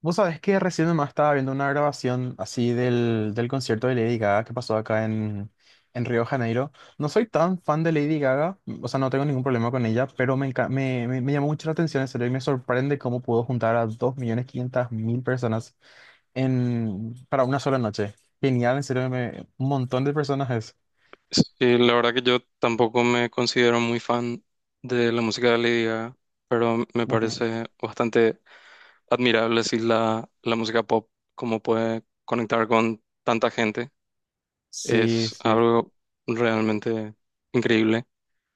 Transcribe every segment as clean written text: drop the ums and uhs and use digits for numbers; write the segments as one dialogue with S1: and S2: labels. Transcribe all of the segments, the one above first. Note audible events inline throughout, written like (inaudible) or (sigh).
S1: Vos sabés que recién nomás estaba viendo una grabación así del concierto de Lady Gaga que pasó acá en Río de Janeiro. No soy tan fan de Lady Gaga, o sea, no tengo ningún problema con ella, pero me, enca- me llamó mucho la atención en serio y me sorprende cómo pudo juntar a 2.500.000 personas en, para una sola noche. Genial, en serio, un montón de personas es.
S2: Sí, la verdad que yo tampoco me considero muy fan de la música de Lady Gaga, pero me
S1: Ujú.
S2: parece bastante admirable si la música pop, como puede conectar con tanta gente,
S1: Sí,
S2: es
S1: sí,
S2: algo realmente increíble.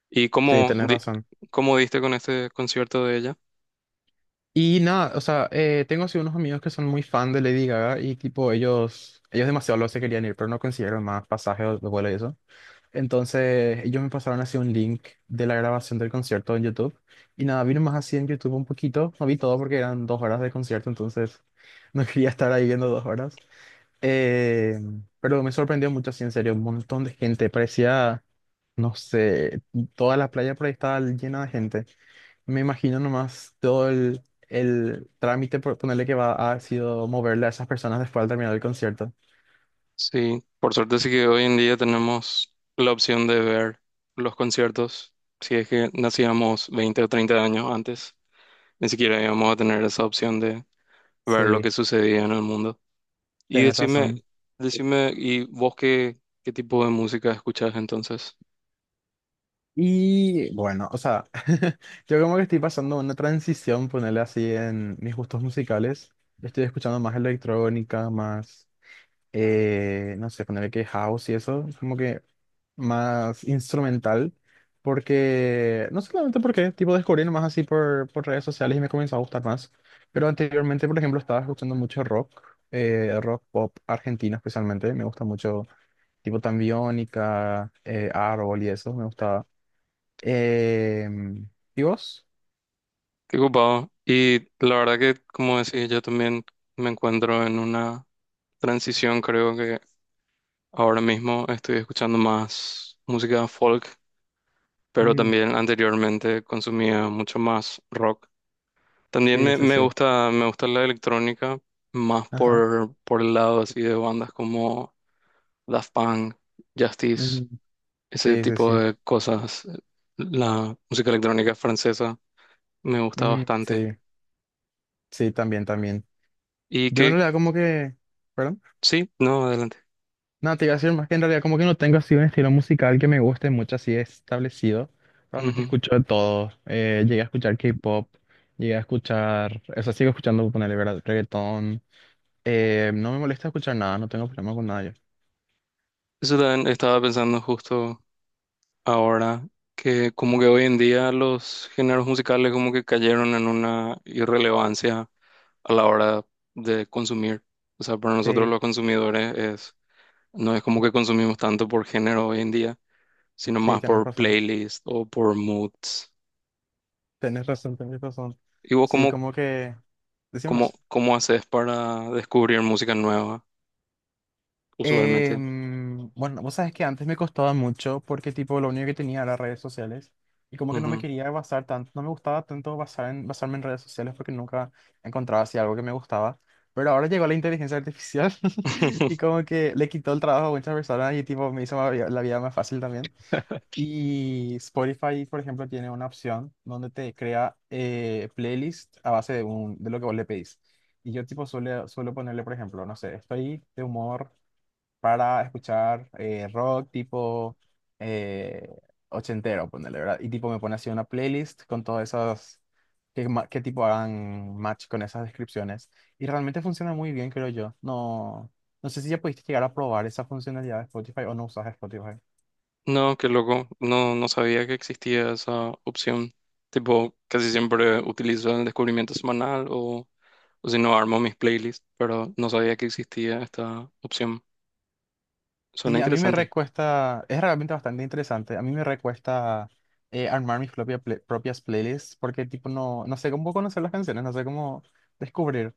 S2: ¿Y
S1: sí,
S2: cómo,
S1: tenés
S2: di-
S1: razón.
S2: cómo diste con este concierto de ella?
S1: Y nada, o sea, tengo así unos amigos que son muy fan de Lady Gaga y tipo ellos demasiado lo se querían ir, pero no consiguieron más pasajes de vuelo y eso. Entonces ellos me pasaron así un link de la grabación del concierto en YouTube y nada, vi más así en YouTube un poquito, no vi todo porque eran 2 horas de concierto, entonces no (laughs) quería estar ahí viendo 2 horas. Eh, pero me sorprendió mucho así, en serio, un montón de gente, parecía, no sé, toda la playa por ahí estaba llena de gente. Me imagino nomás todo el trámite, por ponerle que va, ha sido moverle a esas personas después al terminar el concierto.
S2: Sí, por suerte sí que hoy en día tenemos la opción de ver los conciertos, si es que nacíamos 20 o 30 años antes. Ni siquiera íbamos a tener esa opción ver lo que
S1: Sí,
S2: sucedía en el mundo. Y
S1: tenés
S2: decime,
S1: razón.
S2: decime, ¿y vos qué tipo de música escuchás entonces?
S1: Y bueno, o sea, (laughs) yo como que estoy pasando una transición, ponerle así en mis gustos musicales. Estoy escuchando más electrónica, más no sé, ponerle que house y eso, es como que más instrumental, porque, no solamente porque, tipo, descubrí nomás así por redes sociales y me comenzó a gustar más, pero anteriormente, por ejemplo, estaba escuchando mucho rock, rock pop argentino especialmente, me gusta mucho, tipo, tambiónica Árbol y eso, me gustaba. Em, ¿Y vos?
S2: Qué ocupado. Y la verdad que, como decía, yo también me encuentro en una transición, creo que ahora mismo estoy escuchando más música folk, pero
S1: Mm,
S2: también anteriormente consumía mucho más rock. También
S1: sí,
S2: me,
S1: sí,
S2: me
S1: sí,
S2: gusta, me gusta la electrónica más
S1: ajá,
S2: por el lado así de bandas como Daft Punk, Justice.
S1: mm,
S2: Ese
S1: sí, sí,
S2: tipo
S1: sí,
S2: de cosas, la música electrónica francesa me gusta
S1: mm,
S2: bastante.
S1: sí, sí, también, también.
S2: Y
S1: Yo no
S2: que,
S1: le da como que... ¿Perdón?
S2: sí, no, adelante.
S1: No, te iba a decir más que en realidad como que no tengo así un estilo musical que me guste mucho, así establecido. Realmente
S2: Ujú.
S1: escucho de todo. Llegué a escuchar K-pop, llegué a escuchar, o sea, sigo escuchando, ponerle verdad, reggaetón. No me molesta escuchar nada, no tengo problema con nada yo.
S2: Eso también estaba pensando justo ahora, que como que hoy en día los géneros musicales como que cayeron en una irrelevancia a la hora de consumir. O sea, para nosotros
S1: Sí,
S2: los consumidores es, no es como que consumimos tanto por género hoy en día, sino
S1: sí,
S2: más
S1: tienes
S2: por
S1: razón.
S2: playlist o por moods.
S1: Tienes razón, tienes razón.
S2: ¿Y vos
S1: Sí,
S2: cómo,
S1: como que...
S2: ¿Cómo,
S1: Decímonos.
S2: cómo haces para descubrir música nueva, usualmente?
S1: Bueno, vos sabes que antes me costaba mucho porque tipo lo único que tenía era redes sociales y como que no me
S2: Ujú.
S1: quería basar tanto, no me gustaba tanto basar en, basarme en redes sociales porque nunca encontraba así algo que me gustaba. Pero ahora llegó la inteligencia artificial (laughs) y
S2: (laughs)
S1: como que le quitó el trabajo a muchas personas y tipo me hizo la vida más fácil también. Y Spotify, por ejemplo, tiene una opción donde te crea playlist a base de lo que vos le pedís. Y yo tipo suelo ponerle, por ejemplo, no sé, estoy de humor para escuchar rock tipo eh, ochentero, ponerle, ¿verdad? Y tipo me pone así una playlist con todas esas, que tipo hagan match con esas descripciones. Y realmente funciona muy bien, creo yo. No, no sé si ya pudiste llegar a probar esa funcionalidad de Spotify o no usas Spotify.
S2: No, qué loco. No, no sabía que existía esa opción. Tipo, casi siempre utilizo el descubrimiento semanal o si no, armo mis playlists, pero no sabía que existía esta opción. Suena
S1: Sí, a mí me
S2: interesante.
S1: recuesta, es realmente bastante interesante. A mí me recuesta armar propias playlists porque tipo no, no sé cómo conocer las canciones, no sé cómo descubrir.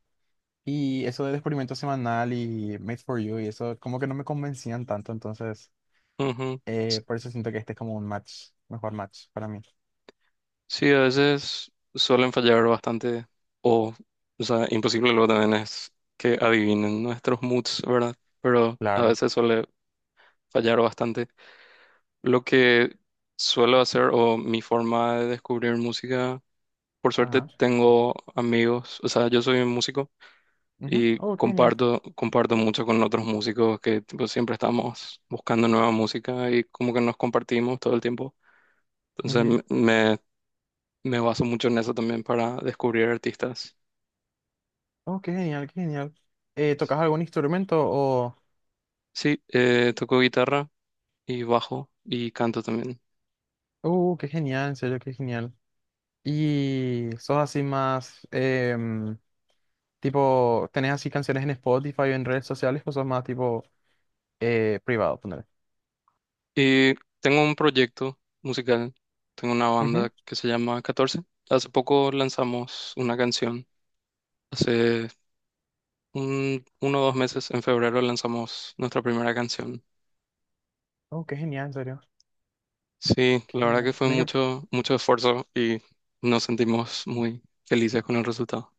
S1: Y eso del experimento semanal y Made for You y eso como que no me convencían tanto, entonces
S2: Ujú. S-
S1: por eso siento que este es como un match, mejor match para mí.
S2: Sí, a veces suelen fallar bastante o, o sea, imposible luego también es que adivinen nuestros moods, ¿verdad? Pero a
S1: Claro.
S2: veces suele fallar bastante. Lo que suelo hacer o mi forma de descubrir música, por suerte
S1: Ajá.
S2: tengo amigos, o sea, yo soy un músico
S1: Ujú.
S2: y
S1: Oh, qué genial.
S2: comparto, comparto mucho con otros músicos que tipo, siempre estamos buscando nueva música y como que nos compartimos todo el tiempo. Entonces
S1: Ujú.
S2: me baso mucho en eso también para descubrir artistas.
S1: Oh, qué genial, qué genial. ¿Tocas algún instrumento o...?
S2: Sí, toco guitarra y bajo y canto también.
S1: Qué genial, en serio, qué genial. Y sos así más, tipo, ¿tenés así canciones en Spotify o en redes sociales o sos más tipo privado, poner
S2: Y tengo un proyecto musical, tengo una
S1: Ujú.
S2: banda que se llama catorce. Hace poco lanzamos una canción, hace 1 o 2 meses, en febrero lanzamos nuestra primera canción.
S1: Oh, qué genial, en serio.
S2: Sí,
S1: Qué
S2: la verdad que
S1: genial.
S2: fue
S1: Tenés que
S2: mucho, mucho esfuerzo y nos sentimos muy felices con el resultado.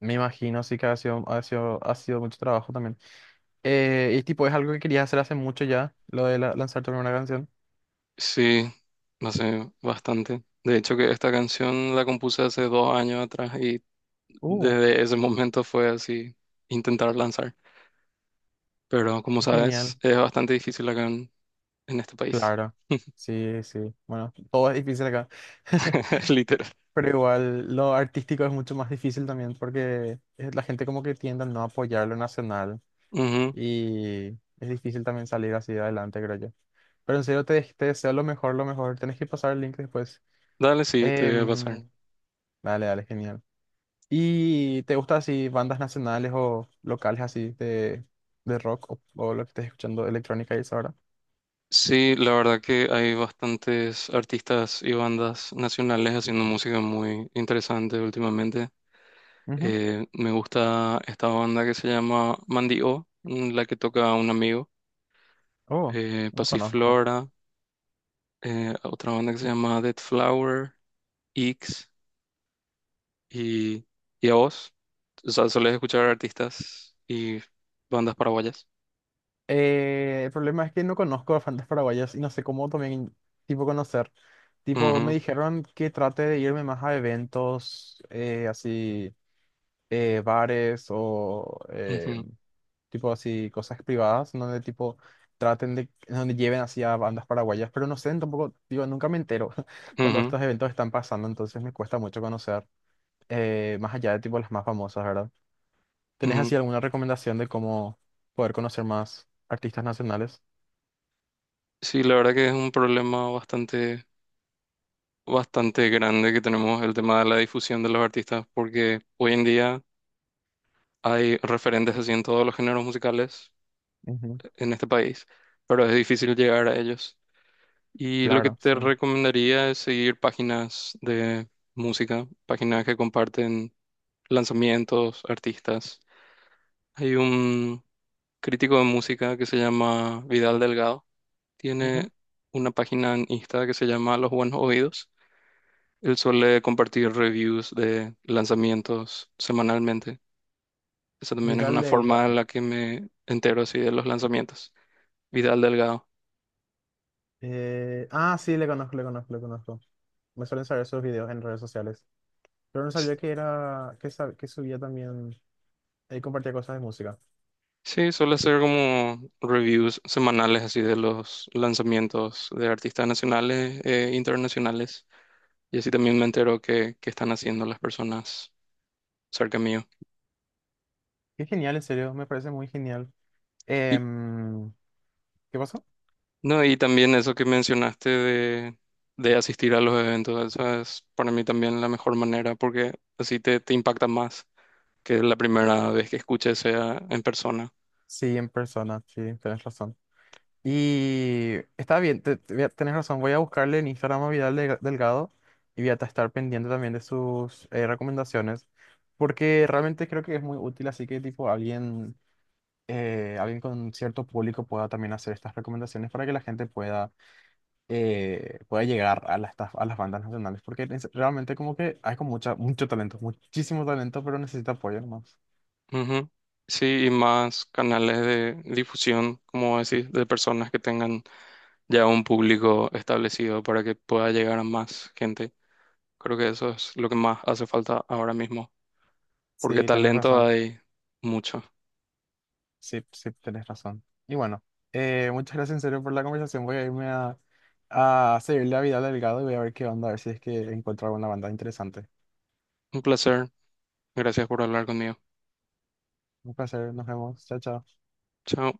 S1: Me imagino, sí que ha sido, ha sido, ha sido mucho trabajo también. Y tipo, es algo que querías hacer hace mucho ya, lo de lanzar tu primera canción.
S2: Sí, hace bastante. De hecho, que esta canción la compuse hace 2 años atrás y
S1: Uh,
S2: desde ese momento fue así intentar lanzar. Pero como
S1: qué genial.
S2: sabes, es bastante difícil acá en este país.
S1: Claro. Sí, sí. Bueno, todo es difícil acá.
S2: (laughs) Literal.
S1: (laughs) Pero igual, lo artístico es mucho más difícil también porque la gente como que tiende a no apoyar lo nacional
S2: Ujú.
S1: y es difícil también salir así de adelante, creo yo. Pero en serio, te deseo lo mejor, lo mejor. Tenés que pasar el link después.
S2: Dale, sí, te voy a pasar.
S1: Em, Dale, dale, genial. ¿Y te gusta así bandas nacionales o locales así de rock o lo que estés escuchando electrónica y eso ahora?
S2: Sí, la verdad que hay bastantes artistas y bandas nacionales haciendo música muy interesante últimamente.
S1: Ujú.
S2: Me gusta esta banda que se llama Mandy O, la que toca un amigo.
S1: Oh, no conozco.
S2: Pasiflora, otra banda que se llama Dead Flower, X y, y a vos. O sea, solés escuchar artistas y bandas paraguayas.
S1: El problema es que no conozco a bandas paraguayas y no sé cómo también tipo conocer. Tipo, me
S2: Ujú,
S1: dijeron que trate de irme más a eventos así, bares o
S2: ujú,
S1: tipo así cosas privadas donde tipo traten de, donde lleven así a bandas paraguayas, pero no sé, tampoco, digo, nunca me entero (laughs) cuando
S2: ujú,
S1: estos eventos están pasando, entonces me cuesta mucho conocer, más allá de tipo las más famosas, ¿verdad? ¿Tenés
S2: ujú.
S1: así alguna recomendación de cómo poder conocer más artistas nacionales?
S2: Sí, la verdad que es un problema bastante, bastante grande que tenemos el tema de la difusión de los artistas, porque hoy en día hay referentes así en todos los géneros musicales
S1: Ujú,
S2: en este país, pero es difícil llegar a ellos. Y lo que
S1: Claro,
S2: te
S1: sí.
S2: recomendaría es seguir páginas de música, páginas que comparten lanzamientos, artistas. Hay un crítico de música que se llama Vidal Delgado,
S1: ujú.
S2: tiene una página en Insta que se llama Los Buenos Oídos. Él suele compartir reviews de lanzamientos semanalmente. Esa también es
S1: Vidal
S2: una forma en
S1: Delgado.
S2: la que me entero así de los lanzamientos. Vidal Delgado.
S1: Sí, le conozco, le conozco, le conozco. Me suelen saber sus videos en redes sociales. Pero no
S2: S-
S1: sabía que era, que subía también, él compartía cosas de música.
S2: Sí, suele hacer como reviews semanales así de los lanzamientos de artistas nacionales e internacionales. Y así también me entero qué están haciendo las personas cerca mío.
S1: Qué genial, en serio, me parece muy genial.
S2: Y,
S1: Em, ¿Qué pasó?
S2: no, y también eso que mencionaste de asistir a los eventos, eso es para mí también la mejor manera porque así te impacta más que la primera vez que escuche sea en persona.
S1: Sí, en persona, sí, tenés razón. Y está bien, te voy tenés razón, voy a buscarle en Instagram a Delgado y voy estar pendiente también de sus recomendaciones, porque realmente creo que es muy útil, así que tipo alguien, alguien con cierto público pueda también hacer estas recomendaciones para que la gente pueda, pueda llegar a a las bandas nacionales, porque realmente como que hay con mucho talento, muchísimo talento, pero necesita apoyo nomás.
S2: Ujú. Sí, y más canales de difusión, como decís, de personas que tengan ya un público establecido para que pueda llegar a más gente. Creo que eso es lo que más hace falta ahora mismo, porque
S1: Sí, tenés
S2: talento
S1: razón.
S2: hay mucho.
S1: Sí, sí, tenés razón. Y bueno, muchas gracias en serio por la conversación. Voy a irme a seguirle a Vidal Delgado y voy a ver qué onda, a ver si es que encuentro alguna banda interesante.
S2: Un placer. Gracias por hablar conmigo.
S1: Un placer, nos vemos. Chao, chao.
S2: Chao.